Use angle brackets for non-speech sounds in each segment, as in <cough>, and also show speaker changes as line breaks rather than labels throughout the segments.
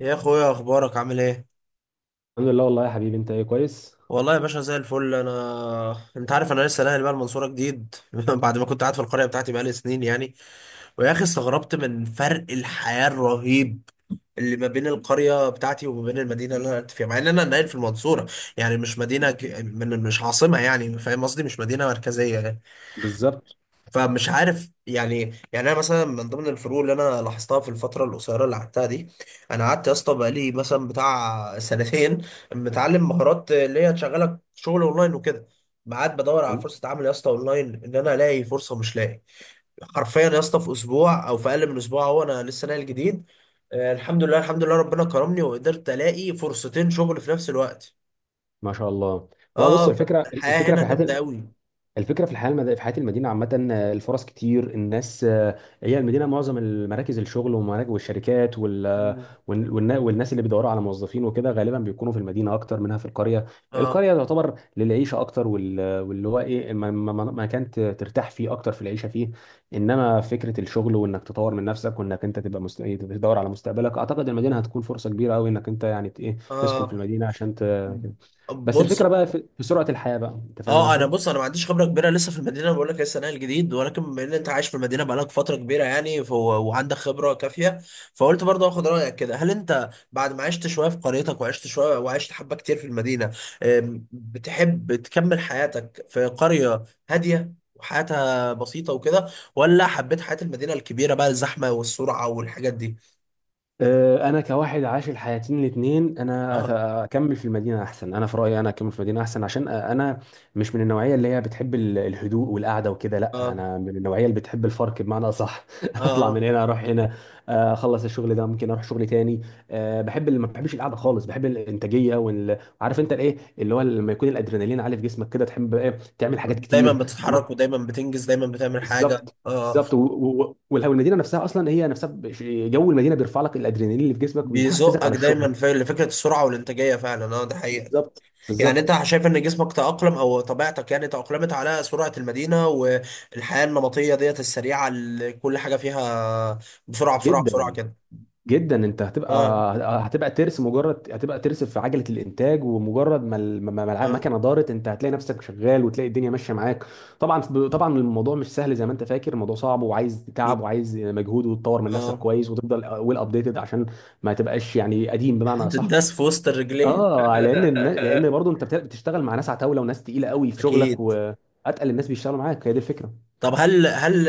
يا اخويا، اخبارك عامل ايه؟
الحمد لله، والله يا حبيبي، انت ايه؟ كويس.
والله يا باشا زي الفل، انت عارف انا لسه ناقل بقى المنصوره جديد <laughs> بعد ما كنت قاعد في القريه بتاعتي بقالي سنين يعني. ويا اخي استغربت من فرق الحياه الرهيب اللي ما بين القريه بتاعتي وما بين المدينه اللي انا قاعد فيها، مع ان انا ناقل في المنصوره. يعني مش مدينه مش عاصمه، يعني فاهم قصدي، مش مدينه مركزيه.
بالظبط.
فمش عارف يعني. يعني انا مثلا من ضمن الفروق اللي انا لاحظتها في الفتره القصيره اللي قعدتها دي، انا قعدت يا اسطى بقالي مثلا بتاع سنتين متعلم مهارات اللي هي تشغلك شغل اونلاين وكده. ما قعدت بدور على
تمام.
فرصه عمل يا اسطى اونلاين، ان انا الاقي فرصه، مش لاقي. حرفيا يا اسطى في اسبوع او في اقل من اسبوع، هو انا لسه ناقل جديد. آه، الحمد لله الحمد لله، ربنا كرمني وقدرت الاقي فرصتين شغل في نفس الوقت.
ما شاء الله. ما هو
اه
بص،
اه،
الفكره
الحياه هنا
في
جامده
حياه،
قوي.
الفكره في الحياه في حياه المدينه عامه، الفرص كتير، الناس هي المدينه معظم المراكز الشغل ومراكز والشركات
مم.
والناس اللي بيدوروا على موظفين وكده غالبا بيكونوا في المدينه اكتر منها في القريه.
اه
القريه تعتبر للعيشه اكتر، واللي هو ايه ما كانت ترتاح فيه اكتر في العيشه فيه. انما فكره الشغل وانك تطور من نفسك، وانك انت تبقى مست... إيه، تدور على مستقبلك. اعتقد المدينه هتكون فرصه كبيره قوي انك انت يعني ت- ايه تسكن في
اه.
المدينه عشان كده. بس
بص.
الفكره بقى في سرعه الحياه بقى، انت فاهم
اه، انا
قصدي؟
بص، انا ما عنديش خبره كبيره لسه في المدينه، بقول لك لسه نقل جديد، ولكن بما ان انت عايش في المدينه بقالك فتره كبيره يعني، فهو وعندك خبره كافيه، فقلت برضه اخد رايك كده. هل انت بعد ما عشت شويه في قريتك وعشت شويه وعشت حبه كتير في المدينه، بتحب تكمل حياتك في قريه هاديه وحياتها بسيطه وكده، ولا حبيت حياه المدينه الكبيره بقى، الزحمه والسرعه والحاجات دي؟
انا كواحد عايش الحياتين الاثنين، انا
اه
اكمل في المدينه احسن. انا في رايي، انا اكمل في المدينه احسن عشان انا مش من النوعيه اللي هي بتحب الهدوء والقعده وكده. لا
اه
انا من النوعيه اللي بتحب الفرق، بمعنى اصح
اه
<laughs> اطلع من
اه.
هنا اروح هنا. اخلص الشغل ده ممكن اروح شغل تاني. بحب، اللي ما بحبش القعده خالص، بحب الانتاجيه وعارف انت الايه اللي هو لما يكون الادرينالين عالي في جسمك كده تحب بقى إيه؟ تعمل حاجات
دايما
كتير.
بتتحرك ودايما بتنجز، دايما بتعمل حاجه.
بالظبط.
اه آه.
بالظبط. ولو المدينه نفسها اصلا، هي نفسها جو المدينه بيرفع لك الادرينالين اللي في جسمك بيحفزك
بيزقك
على الشغل.
دايما في فكره السرعه والانتاجيه، فعلا اه، ده حقيقه.
بالظبط.
يعني
بالظبط.
انت شايف ان جسمك تاقلم، او طبيعتك يعني تاقلمت على سرعه المدينه والحياه النمطيه ديت السريعه اللي كل حاجه فيها بسرعه بسرعه بسرعه
جدا.
كده؟
جدا انت
اه
هتبقى ترس، مجرد هتبقى ترس في عجله الانتاج. ومجرد ما
اه.
المكنه دارت انت هتلاقي نفسك شغال وتلاقي الدنيا ماشيه معاك. طبعا. طبعا الموضوع مش سهل زي ما انت فاكر، الموضوع صعب وعايز تعب
اكيد.
وعايز مجهود، وتطور من نفسك
اه.
كويس وتفضل ويل ابديتد عشان ما تبقاش يعني قديم، بمعنى صح.
هتنداس في وسط الرجلين <laughs>
اه، لان برضه انت بتشتغل مع ناس عتاوله وناس تقيله قوي في شغلك،
اكيد.
واتقل الناس بيشتغلوا معاك، هي دي الفكره.
طب هل هل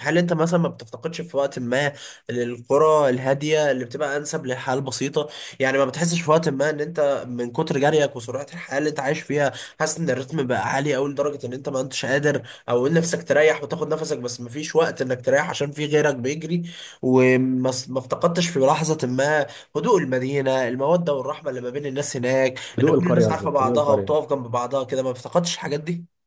هل انت مثلا ما بتفتقدش في وقت ما للقرى الهاديه اللي بتبقى انسب للحياه البسيطه؟ يعني ما بتحسش في وقت ما ان انت من كتر جريك وسرعه الحياه اللي انت عايش فيها، حاسس ان الريتم بقى عالي قوي لدرجه ان انت ما انتش قادر، او ان نفسك تريح وتاخد نفسك بس ما فيش وقت انك تريح عشان في غيرك بيجري؟ وما س- ما افتقدتش في لحظه ما هدوء المدينه، الموده والرحمه اللي ما بين الناس هناك،
هدوء
ان كل
القريه؟
الناس عارفه
قصدك هدوء
بعضها
القريه.
وبتقف جنب بعضها كده؟ ما افتقدتش الحاجات دي؟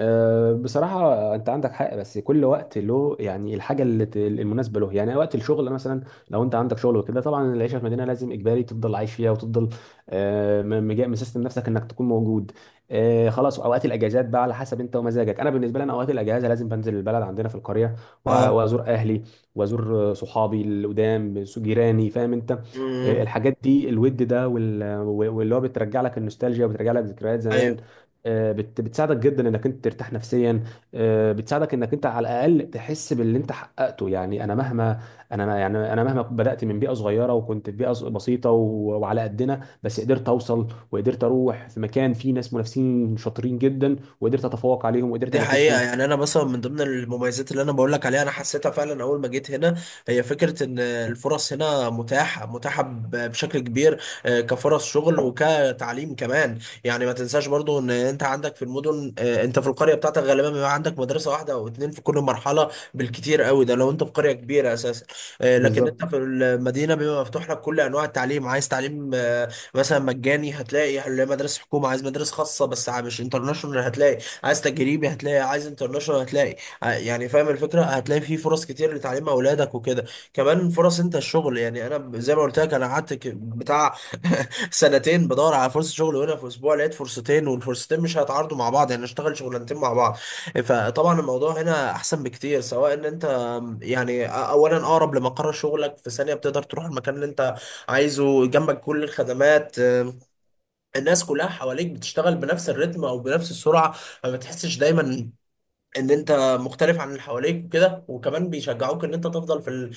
بصراحة أنت عندك حق. بس كل وقت له، يعني الحاجة اللي المناسبة له. يعني وقت الشغل مثلا، لو أنت عندك شغل وكده، طبعا العيشة في مدينة لازم إجباري تفضل عايش فيها وتفضل، مسيستم نفسك إنك تكون موجود. خلاص أوقات الأجازات بقى على حسب أنت ومزاجك. أنا بالنسبة لي، أنا أوقات الأجازة لازم بنزل البلد عندنا في القرية
اه.
وأزور أهلي، وأزور صحابي القدام، جيراني، فاهم أنت.
امم.
الحاجات دي، الود ده واللي هو بترجع لك النوستالجيا وبترجع لك ذكريات زمان،
أيوه.
بتساعدك جدا انك انت ترتاح نفسيا. بتساعدك انك انت على الاقل تحس باللي انت حققته. يعني انا مهما، انا يعني انا مهما بدات من بيئه صغيره وكنت في بيئه بسيطه وعلى قدنا، بس قدرت اوصل وقدرت اروح في مكان فيه ناس منافسين شاطرين جدا. وقدرت اتفوق عليهم وقدرت
دي حقيقة،
انافسهم.
يعني أنا مثلا من ضمن المميزات اللي أنا بقول لك عليها أنا حسيتها فعلا أول ما جيت هنا، هي فكرة إن الفرص هنا متاحة متاحة بشكل كبير، كفرص شغل وكتعليم كمان. يعني ما تنساش برضو إن أنت عندك في المدن، أنت في القرية بتاعتك غالبا بيبقى عندك مدرسة واحدة أو اتنين في كل مرحلة بالكتير قوي، ده لو أنت في قرية كبيرة أساسا. لكن أنت
بالظبط.
في المدينة بيبقى مفتوح لك كل أنواع التعليم. عايز تعليم مثلا مجاني، هتلاقي مدارس حكومة. عايز مدارس خاصة بس مش انترناشونال، هتلاقي. عايز تجريبي هتلاقي، عايز انترناشونال هتلاقي. يعني فاهم الفكره، هتلاقي فيه فرص كتير لتعليم اولادك وكده. كمان فرص انت الشغل، يعني انا زي ما قلت لك انا قعدت بتاع سنتين بدور على فرصه شغل، وهنا في اسبوع لقيت فرصتين، والفرصتين مش هيتعارضوا مع بعض يعني، اشتغل شغلانتين مع بعض. فطبعا الموضوع هنا احسن بكتير، سواء ان انت يعني، اولا اقرب لمقر شغلك، في ثانيه بتقدر تروح المكان اللي انت عايزه، جنبك كل الخدمات، الناس كلها حواليك بتشتغل بنفس الريتم او بنفس السرعه، ما بتحسش دايما ان انت مختلف عن اللي حواليك وكده، وكمان بيشجعوك ان انت تفضل في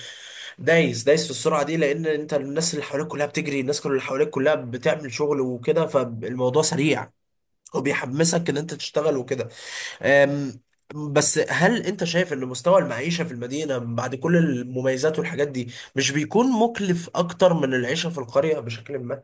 دايس دايس في السرعه دي، لان انت الناس اللي حواليك كلها بتجري، الناس كل اللي حواليك كلها بتعمل شغل وكده، فالموضوع سريع وبيحمسك ان انت تشتغل وكده. أم، بس هل انت شايف ان مستوى المعيشه في المدينه بعد كل المميزات والحاجات دي مش بيكون مكلف اكتر من العيشه في القريه بشكل ما؟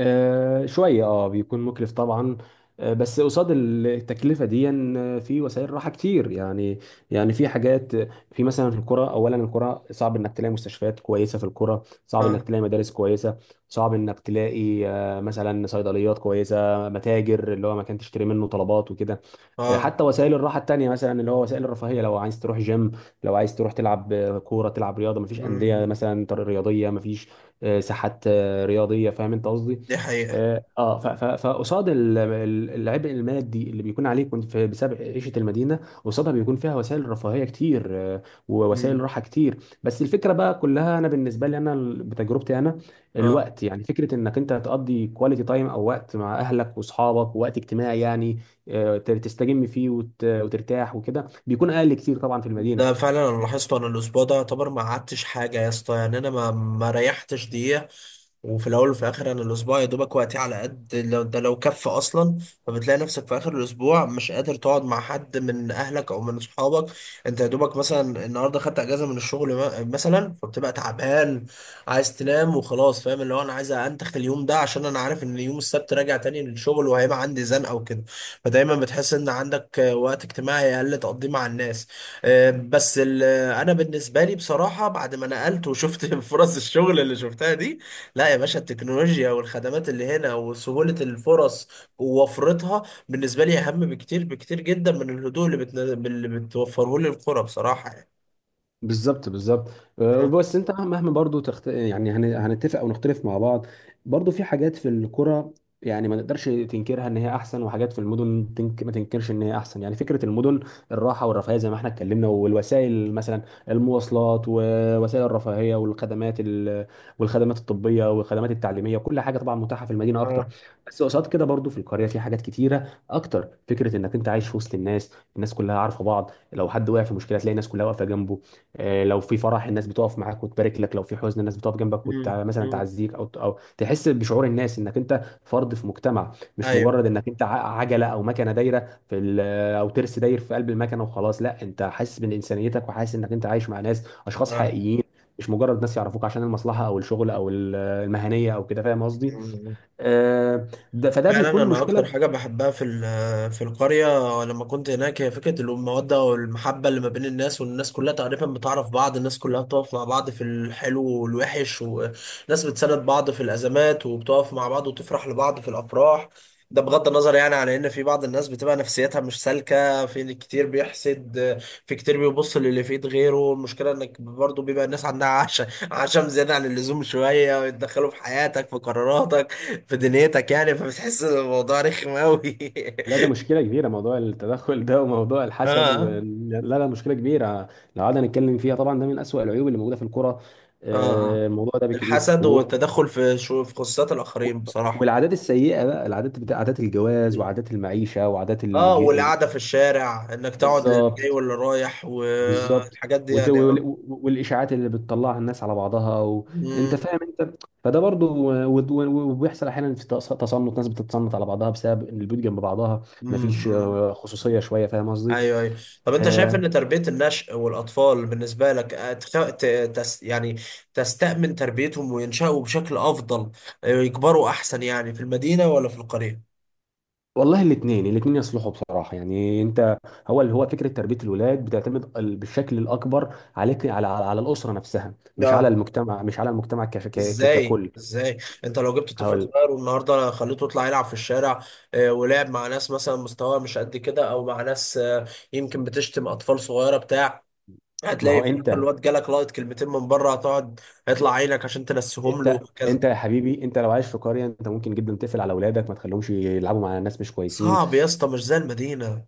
شوية، بيكون مكلف طبعا. بس قصاد التكلفة دي، في وسائل راحة كتير يعني. يعني في حاجات، في مثلا الكرة. أولا الكرة صعب إنك تلاقي مستشفيات كويسة. في الكرة صعب إنك
اه
تلاقي مدارس كويسة. صعب إنك تلاقي مثلا صيدليات كويسة، متاجر اللي هو مكان تشتري منه طلبات وكده.
اه.
حتى وسائل الراحه التانيه، مثلا اللي هو وسائل الرفاهيه، لو عايز تروح جيم، لو عايز تروح تلعب كوره، تلعب رياضه، مفيش انديه
مم.
مثلا رياضيه، مفيش ساحات رياضيه، فاهم انت قصدي.
دي حقيقه.
اه. فقصاد العبء المادي اللي بيكون عليك وانت بسبب عيشه المدينه، قصادها بيكون فيها وسائل رفاهيه كتير، آه، ووسائل
امم.
راحه كتير. بس الفكره بقى كلها، انا بالنسبه لي، انا بتجربتي انا،
اه،
الوقت، يعني فكره انك انت تقضي كواليتي تايم او وقت مع اهلك واصحابك ووقت اجتماعي يعني، تستجم فيه وترتاح وكده، بيكون اقل كتير طبعا في المدينه.
ده فعلا انا لاحظته. انا الاسبوع ده يعتبر ما قعدتش حاجه يا اسطى، يعني انا ما ريحتش دقيقه، وفي الاول وفي الاخر انا الاسبوع يا دوبك وقتي على قد لو ده، لو كف اصلا. فبتلاقي نفسك في اخر الاسبوع مش قادر تقعد مع حد من اهلك او من اصحابك. انت يا دوبك مثلا النهارده خدت اجازه من الشغل، مثلا فبتبقى تعبان عايز تنام وخلاص، فاهم، اللي هو انا عايز انتخ اليوم ده عشان انا عارف ان يوم السبت راجع تاني للشغل وهيبقى عندي زنقه وكده. فدايما بتحس ان عندك وقت اجتماعي اقل تقضيه مع الناس. بس انا بالنسبه لي بصراحه بعد ما نقلت وشفت <laughs> فرص الشغل اللي شفتها دي، لا يا باشا، التكنولوجيا والخدمات اللي هنا وسهوله الفرص ووفرتها بالنسبه لي اهم بكتير، بكتير جدا من الهدوء اللي بتن... اللي بتوفره لي القرى بصراحه يعني.
بالظبط. بالظبط.
اه
بس انت مهما برضو يعني هنتفق او نختلف مع بعض، برضو في حاجات في الكرة يعني ما نقدرش تنكرها ان هي احسن. وحاجات في المدن ما تنكرش ان هي احسن، يعني فكرة المدن، الراحة والرفاهية زي ما احنا اتكلمنا، والوسائل، مثلا المواصلات ووسائل الرفاهية والخدمات الطبية والخدمات التعليمية، كل حاجة طبعا متاحة في المدينة اكتر.
اه.
بس قصاد كده برضو في القرية في حاجات كتيرة اكتر. فكرة انك انت عايش في وسط الناس، الناس كلها عارفة بعض، لو حد وقع في مشكلة تلاقي الناس كلها واقفة جنبه. لو في فرح الناس بتقف معاك وتبارك لك. لو في حزن الناس بتقف جنبك
مم،
ومثلا
مم.
تعزيك او تحس بشعور الناس انك انت فرد في مجتمع. مش
ايوه.
مجرد انك انت عجله او مكنه دايره او ترس داير في قلب المكنه وخلاص. لا انت حاسس من انسانيتك وحاسس انك انت عايش مع ناس، اشخاص
اه،
حقيقيين. مش مجرد ناس يعرفوك عشان المصلحه او الشغل المهنيه او كده، فاهم قصدي. آه، ده فده
فعلا
بيكون
انا اكتر
مشكله.
حاجه بحبها في في القريه لما كنت هناك، هي فكره الموده والمحبه اللي ما بين الناس، والناس كلها تقريبا بتعرف بعض، الناس كلها بتقف مع بعض في الحلو والوحش، وناس بتساند بعض في الازمات وبتقف مع بعض وتفرح لبعض في الافراح. ده بغض النظر يعني على ان في بعض الناس بتبقى نفسيتها مش سالكه، في كتير بيحسد، في كتير بيبص للي في ايد غيره. المشكله انك برضه بيبقى الناس عندها عشم، عشم زياده عن اللزوم شويه، ويتدخلوا في حياتك، في قراراتك، في دنيتك، يعني فبتحس ان الموضوع رخم قوي
لا ده
<laughs>
مشكلة كبيرة، موضوع التدخل ده وموضوع الحسد
اه
لا، لا، مشكلة كبيرة. لو قعدنا نتكلم فيها طبعا ده من أسوأ العيوب اللي موجودة في الكرة.
اه اه.
الموضوع ده بكتير
الحسد والتدخل في شو، في خصوصيات
و...
الاخرين بصراحه.
والعادات السيئة بقى، العادات بتاع عادات الجواز وعادات المعيشة
اه، والقعده في الشارع، انك تقعد للي جاي
بالظبط.
واللي رايح
بالظبط.
والحاجات دي
وت...
يعني،
وال...
اه.
والإشاعات اللي بتطلعها الناس على بعضها أنت
مم.
فاهم أنت. فده برضو وبيحصل أحيانا في تصنت، ناس بتتصنت على بعضها بسبب إن البيوت جنب بعضها.
مم.
مفيش
مم.
خصوصية شوية، فاهم قصدي؟
ايوه ايوه. طب انت شايف
آه،
ان تربيه النشء والاطفال بالنسبه لك يعني تستأمن تربيتهم وينشأوا بشكل افضل، يكبروا احسن يعني، في المدينه ولا في القريه؟
والله الاثنين الاثنين يصلحوا بصراحه، يعني انت، هو اللي هو فكره تربيه الولاد بتعتمد بالشكل الاكبر عليك، على الاسره نفسها، مش على
اه.
المجتمع،
ازاي
ككل.
ازاي؟ انت لو جبت طفل
هقول.
صغير والنهارده خليته يطلع يلعب في الشارع، ولعب مع ناس مثلا مستواه مش قد كده، او مع ناس يمكن بتشتم، اطفال صغيره بتاع،
ما
هتلاقي
هو
في الاخر الواد جالك لايت كلمتين من بره، هتقعد هيطلع عينك عشان تنسيهم له وهكذا.
انت يا حبيبي، انت لو عايش في قريه انت ممكن جدا تقفل على اولادك ما تخليهمش يلعبوا مع ناس مش كويسين.
صعب يا اسطى مش زي المدينه.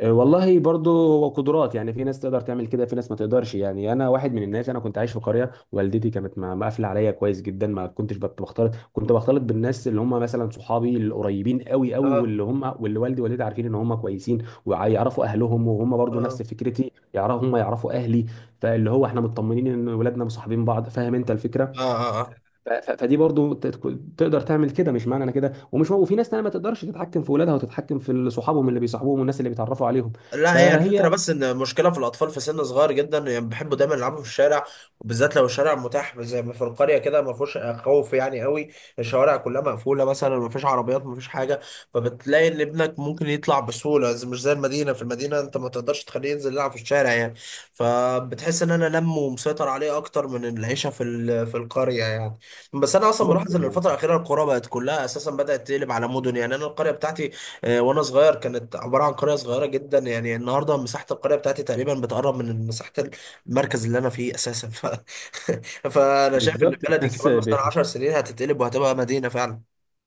والله برضو قدرات، يعني في ناس تقدر تعمل كده في ناس ما تقدرش. يعني انا واحد من الناس، انا كنت عايش في قريه والدتي كانت مقفله عليا كويس جدا، ما كنتش بختلط، كنت بختلط بالناس اللي هم مثلا صحابي القريبين قوي قوي،
اه
واللي والدي ووالدتي عارفين ان هم كويسين، ويعرفوا اهلهم وهم برضو
اه
نفس فكرتي، يعرفوا هم يعرفوا اهلي. فاللي هو احنا مطمنين ان ولادنا مصاحبين بعض، فاهم انت الفكره.
اه اه، آه.
فدي برضو تقدر تعمل كده. مش معنى انا كده ومش هو، وفي ناس تانية ما تقدرش تتحكم في ولادها وتتحكم في صحابهم اللي بيصاحبوهم والناس اللي بيتعرفوا عليهم.
لا، هي الفكرة
فهي.
بس إن المشكلة في الأطفال في سن صغير جدا يعني بيحبوا دايما يلعبوا في الشارع، وبالذات لو الشارع متاح زي ما في القرية كده، ما فيهوش خوف يعني قوي، الشوارع كلها مقفولة مثلا، ما فيش عربيات ما فيش حاجة. فبتلاقي إن ابنك ممكن يطلع بسهولة، زي، مش زي المدينة. في المدينة أنت ما تقدرش تخليه ينزل يلعب في الشارع يعني، فبتحس إن أنا لم ومسيطر عليه أكتر من العيشة في في القرية يعني. بس أنا أصلا ملاحظ
ممكن.
إن الفترة
ممكن.
الأخيرة القرى بقت كلها أساسا بدأت تقلب على مدن. يعني أنا القرية بتاعتي وانا صغير كانت عباره عن قريه صغيره جدا، يعني النهارده مساحه القريه بتاعتي تقريبا بتقرب من مساحه المركز اللي انا فيه اساسا. <laughs> فانا شايف ان
بالظبط.
بلدي
الناس
كمان مثلا 10 سنين هتتقلب وهتبقى مدينه فعلا.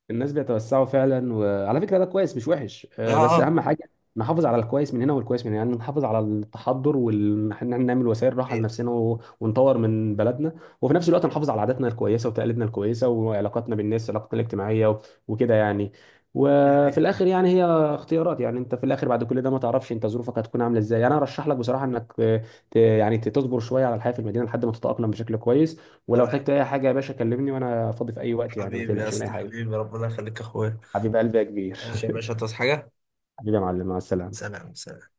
الناس بيتوسعوا فعلا. وعلى فكره ده كويس مش وحش،
اه
بس
اه.
اهم حاجه نحافظ على الكويس من هنا والكويس من هنا. يعني نحافظ على التحضر، وان احنا نعمل وسائل راحه
هي-
لنفسنا ونطور من بلدنا، وفي نفس الوقت نحافظ على عاداتنا الكويسه وتقاليدنا الكويسه وعلاقاتنا بالناس، علاقتنا الاجتماعيه وكده يعني.
<laughs>
وفي
هي.
الاخر يعني هي اختيارات. يعني انت في الاخر بعد كل ده ما تعرفش انت ظروفك هتكون عامله ازاي. انا ارشح لك بصراحه انك، يعني تصبر شويه على الحياه في المدينه لحد ما تتاقلم بشكل كويس. ولو احتجت
تمام.
اي حاجه يا باشا كلمني، وانا فاضي في اي وقت، يعني ما
حبيبي يا
تقلقش من اي
اسطى،
حاجه.
حبيبي ربنا يخليك يا اخويا.
حبيب قلبي يا كبير.
ماشي يا
<laughs>
باشا، تصحى حاجه.
حبيبي يا معلم، مع السلامة.
سلام سلام.